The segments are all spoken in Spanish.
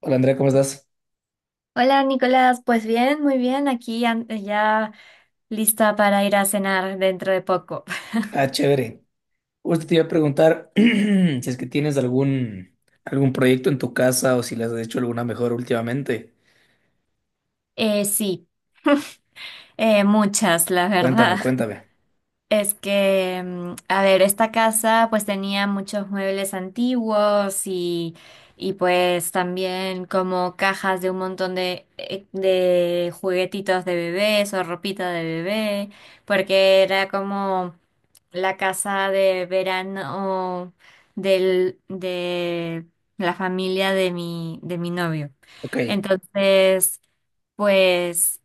Hola Andrea, ¿cómo estás? Hola Nicolás, pues bien, muy bien, aquí ya lista para ir a cenar dentro de poco. Ah, chévere. Justo te iba a preguntar si es que tienes algún proyecto en tu casa o si le has hecho alguna mejor últimamente. Eh, sí, muchas, la Cuéntame, verdad. cuéntame. Es que, a ver, esta casa pues tenía muchos muebles antiguos y pues también como cajas de un montón de juguetitos de bebés o ropita de bebé, porque era como la casa de verano de la familia de mi novio. Ok, Entonces, pues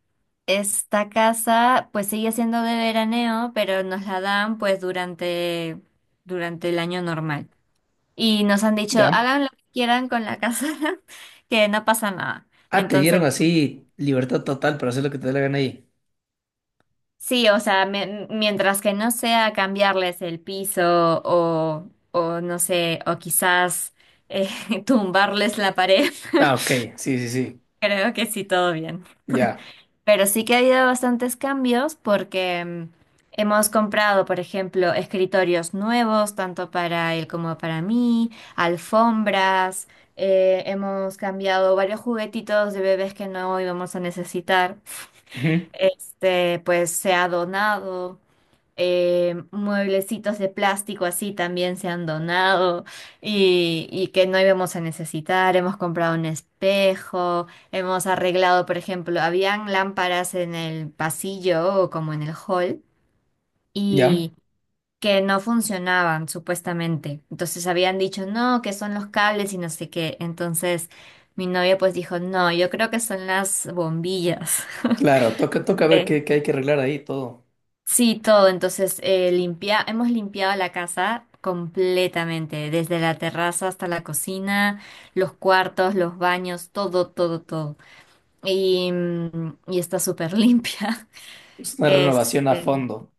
esta casa pues sigue siendo de veraneo, pero nos la dan durante el año normal. Y nos han dicho, ¿ya? hagan lo que quieran con la casa. Que no pasa nada. Ah, te Entonces, dieron así libertad total para hacer lo que te dé la gana ahí. sí, o sea, mientras que no sea cambiarles el piso o no sé, o quizás eh, tumbarles la pared, Ah, ok, sí, sí, sí, creo que sí, todo bien. ya. Pero sí que ha habido bastantes cambios porque, hemos comprado, por ejemplo, escritorios nuevos, tanto para él como para mí, alfombras, hemos cambiado varios juguetitos de bebés que no íbamos a necesitar. Ujú. Este, pues se ha donado, mueblecitos de plástico así también se han donado y que no íbamos a necesitar. Hemos comprado un espejo, hemos arreglado, por ejemplo, habían lámparas en el pasillo o como en el hall ¿Ya? y que no funcionaban supuestamente. Entonces habían dicho, no, que son los cables y no sé qué. Entonces mi novia pues dijo, no, yo creo que son las bombillas. Claro, toca ver qué hay que arreglar ahí todo. Sí, todo. Entonces, hemos limpiado la casa completamente, desde la terraza hasta la cocina, los cuartos, los baños, todo, todo, todo. Y, y está súper limpia. Es una renovación a Este, fondo.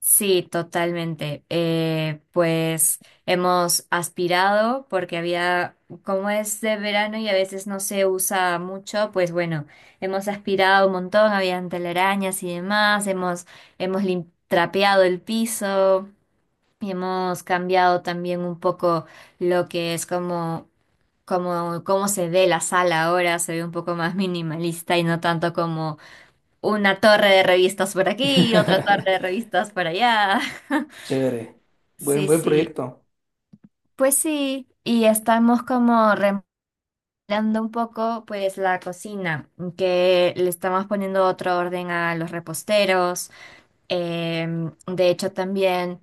sí, totalmente. Pues hemos aspirado porque había, como es de verano y a veces no se usa mucho, pues bueno, hemos aspirado un montón, habían telarañas y demás, hemos trapeado el piso y hemos cambiado también un poco lo que es cómo se ve la sala ahora, se ve un poco más minimalista y no tanto como una torre de revistas por aquí y otra torre de revistas por allá. Chévere. Buen, Sí, buen sí. proyecto. Pues sí, y estamos como remodelando un poco pues la cocina, que le estamos poniendo otro orden a los reposteros. De hecho también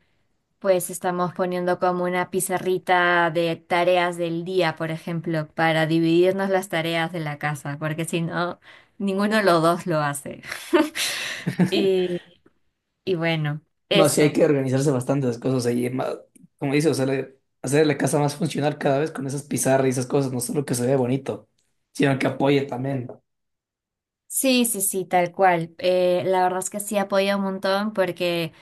pues estamos poniendo como una pizarrita de tareas del día, por ejemplo, para dividirnos las tareas de la casa, porque si no, ninguno de los dos lo hace. Y, y bueno, No, sí hay eso. que organizarse bastantes cosas ahí, como dices, o sea, hacer la casa más funcional cada vez con esas pizarras y esas cosas, no solo que se vea bonito, sino que apoye también. Sí, sí, sí, tal cual. La verdad es que sí apoya un montón porque,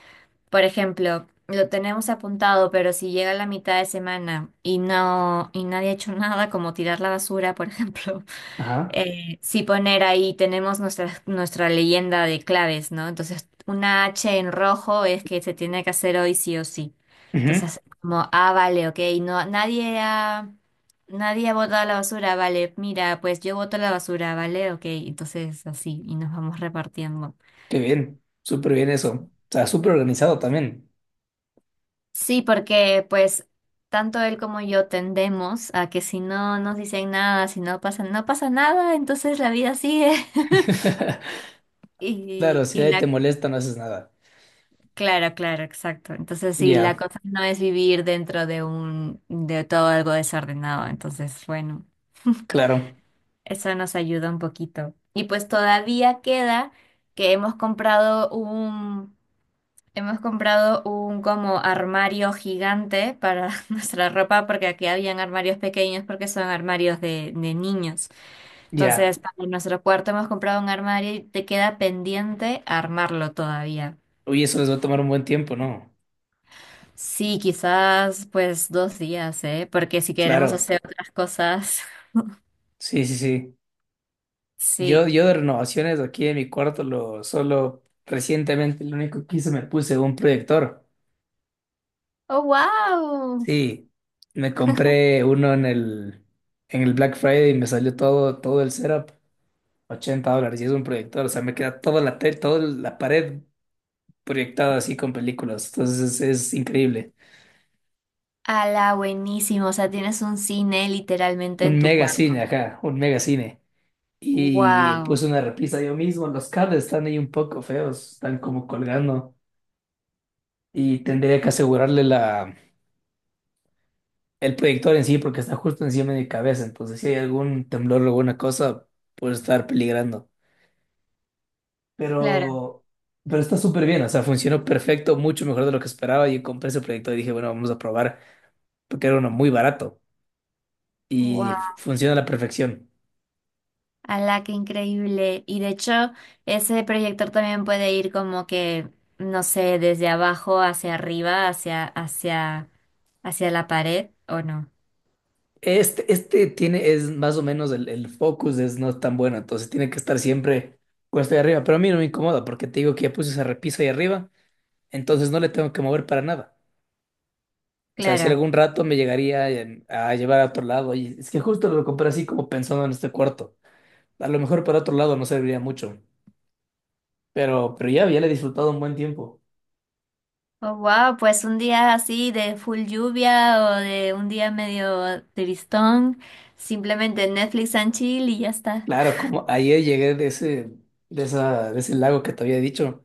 por ejemplo, lo tenemos apuntado, pero si llega la mitad de semana y nadie ha hecho nada, como tirar la basura, por ejemplo, Ajá. Sí poner ahí, tenemos nuestra leyenda de claves, ¿no? Entonces, una H en rojo es que se tiene que hacer hoy sí o sí. Ujú. Entonces, como, ah, vale, ok, no, nadie ha botado la basura, vale, mira, pues yo boto la basura, vale, ok, entonces así, y nos vamos repartiendo. Qué bien, súper bien eso. O sea, súper organizado también. Sí, porque pues tanto él como yo tendemos a que si no nos dicen nada, si no pasa, no pasa nada, entonces la vida sigue. Claro, Y, si y nadie te la molesta, no haces nada. claro, claro, exacto. Entonces, sí, la Ya, cosa no es vivir dentro de todo algo desordenado. Entonces, bueno, claro, eso nos ayuda un poquito. Y pues todavía queda que hemos comprado un como armario gigante para nuestra ropa, porque aquí habían armarios pequeños porque son armarios de niños. ya. Entonces, para nuestro cuarto hemos comprado un armario y te queda pendiente armarlo todavía. Uy, eso les va a tomar un buen tiempo, ¿no? Sí, quizás pues 2 días, ¿eh? Porque si queremos Claro, hacer otras cosas, sí, sí, sí. Yo, sí. yo de renovaciones aquí en mi cuarto, lo solo recientemente, lo único que hice, me puse un proyector. ¡Oh, wow! Sí, me compré uno en el Black Friday y me salió todo, el setup, $80 y es un proyector, o sea, me queda toda la pared proyectada así con películas, entonces es increíble. ¡Hala, buenísimo! O sea, tienes un cine literalmente en Un tu mega cine, cuarto. ajá, un mega cine. Y ¡Wow! puse una repisa yo mismo, los cables están ahí un poco feos, están como colgando y tendría que asegurarle el proyector en sí porque está justo encima de mi cabeza, entonces si hay algún temblor o alguna cosa, puede estar peligrando. Claro. Pero, pero está súper bien, o sea, funcionó perfecto, mucho mejor de lo que esperaba. Y compré ese proyecto y dije, bueno, vamos a probar, porque era uno muy barato y fu- ¡Wow! funciona a la perfección. ¡Hala, qué increíble! Y de hecho, ese proyector también puede ir como que, no sé, desde abajo hacia arriba, hacia la pared, ¿o no? Este tiene, es más o menos el focus, es no tan bueno, entonces tiene que estar siempre cuesta de arriba, pero a mí no me incomoda, porque te digo que ya puse esa repisa ahí arriba, entonces no le tengo que mover para nada. O sea, si Claro. algún rato me llegaría a llevar a otro lado, y es que justo lo compré así como pensando en este cuarto. A lo mejor para otro lado no serviría mucho. Pero ya, ya le he disfrutado un buen tiempo. Oh, wow, pues un día así de full lluvia o de un día medio tristón, simplemente Netflix and chill y ya está. Claro, como ayer llegué de ese, de ese lago que te había dicho.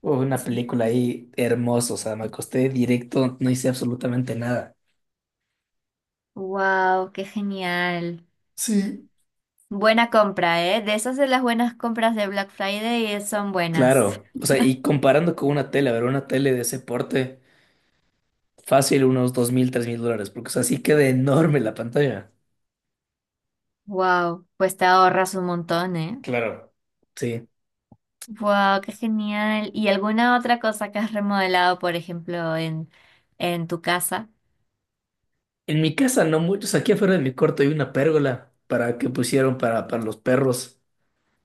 Hubo una Sí. película ahí hermosa, o sea, me acosté directo, no hice absolutamente nada. Wow, qué genial. Sí. Buena compra, ¿eh? De esas de las buenas compras de Black Friday, son buenas. Claro, o sea, y comparando con una tele, a ver, una tele de ese porte, fácil unos 2000, $3000, porque, o sea, sí queda enorme la pantalla. Wow, pues te ahorras un montón, ¿eh? Claro. Sí. Wow, qué genial. ¿Y alguna otra cosa que has remodelado, por ejemplo, en tu casa? En mi casa no muchos, aquí afuera de mi cuarto hay una pérgola para que pusieron para los perros.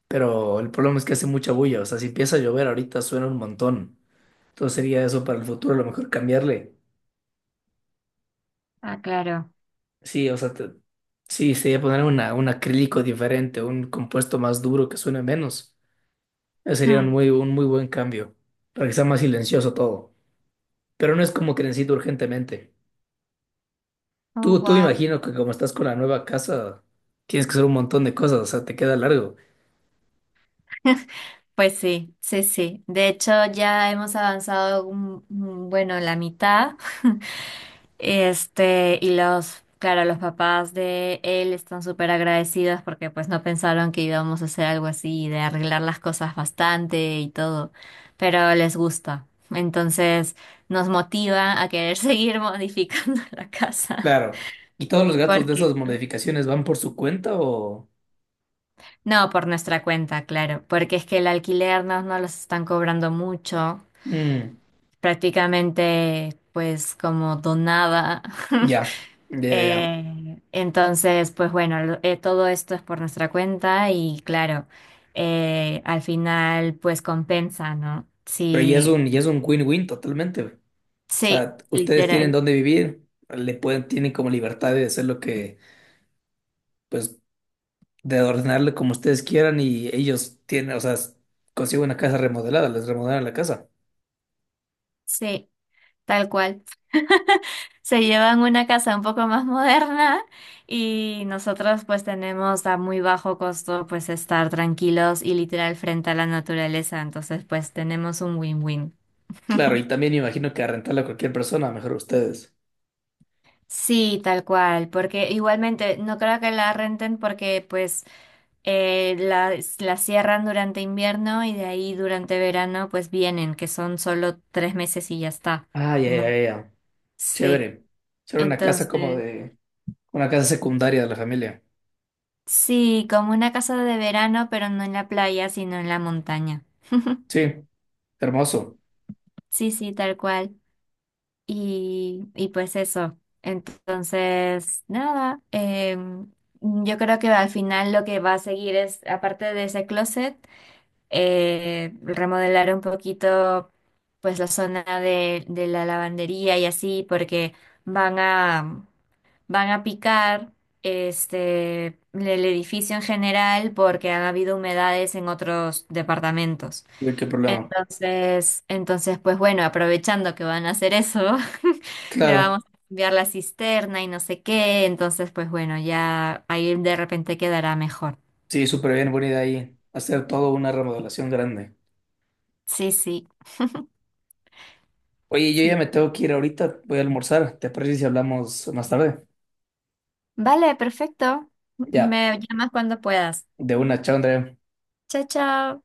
Pero el problema es que hace mucha bulla, o sea, si empieza a llover ahorita suena un montón. Entonces sería eso para el futuro, a lo mejor cambiarle. Ah, claro. Sí, o sea, sí, sería poner un acrílico diferente, un compuesto más duro que suene menos. Ese sería un Hmm. muy, un muy buen cambio, para que sea más silencioso todo. Pero no es como que necesito urgentemente. Oh, Tú wow. imagino que como estás con la nueva casa, tienes que hacer un montón de cosas, o sea, te queda largo. Pues sí, sí, sí. De hecho, ya hemos avanzado, bueno, la mitad. Este, los papás de él están súper agradecidos porque pues no pensaron que íbamos a hacer algo así, de arreglar las cosas bastante y todo, pero les gusta. Entonces nos motiva a querer seguir modificando la casa. Claro. ¿Y todos los gatos de Porque esas modificaciones van por su cuenta o...? no, por nuestra cuenta, claro, porque es que el alquiler no los están cobrando mucho. Mm, Prácticamente pues como donada. ya. Ya, ya. Entonces, pues bueno, todo esto es por nuestra cuenta y claro, al final pues compensa, ¿no? Pero ya es Sí, un win-win totalmente, güey. O sí, sea, ustedes tienen literal, dónde vivir, le pueden, tienen como libertad de hacer lo que, pues, de ordenarle como ustedes quieran y ellos tienen, o sea, consiguen una casa remodelada, les remodelan la casa. sí, tal cual. Se llevan una casa un poco más moderna y nosotros pues tenemos a muy bajo costo pues estar tranquilos y literal frente a la naturaleza, entonces pues tenemos un win-win. Claro, y también me imagino que a rentarla a cualquier persona, mejor ustedes. Sí, tal cual, porque igualmente no creo que la renten porque pues, eh, la, la cierran durante invierno y de ahí durante verano pues vienen, que son solo 3 meses y ya está, Ah, ya, ya, ¿no? ya, ya. Sí, Chévere. Será una casa entonces, una casa secundaria de la familia. sí, como una casa de verano, pero no en la playa, sino en la montaña. Sí, hermoso. Sí, sí, tal cual. Y pues eso. Entonces, nada, yo creo que al final lo que va a seguir es, aparte de ese closet, remodelar un poquito pues la zona de la lavandería y así porque van a van a picar este el edificio en general porque han habido humedades en otros departamentos. No hay, ¿qué problema? Entonces pues bueno, aprovechando que van a hacer eso, le Claro, vamos a cambiar la cisterna y no sé qué, entonces pues bueno, ya ahí de repente quedará mejor. sí, súper bien, buena idea ahí. Hacer todo una remodelación grande. Sí, sí, Oye, yo ya sí. me tengo que ir ahorita, voy a almorzar. ¿Te parece si hablamos más tarde? Vale, perfecto. Ya, Me llamas cuando puedas. de una, chao, Andrea. Chao, chao.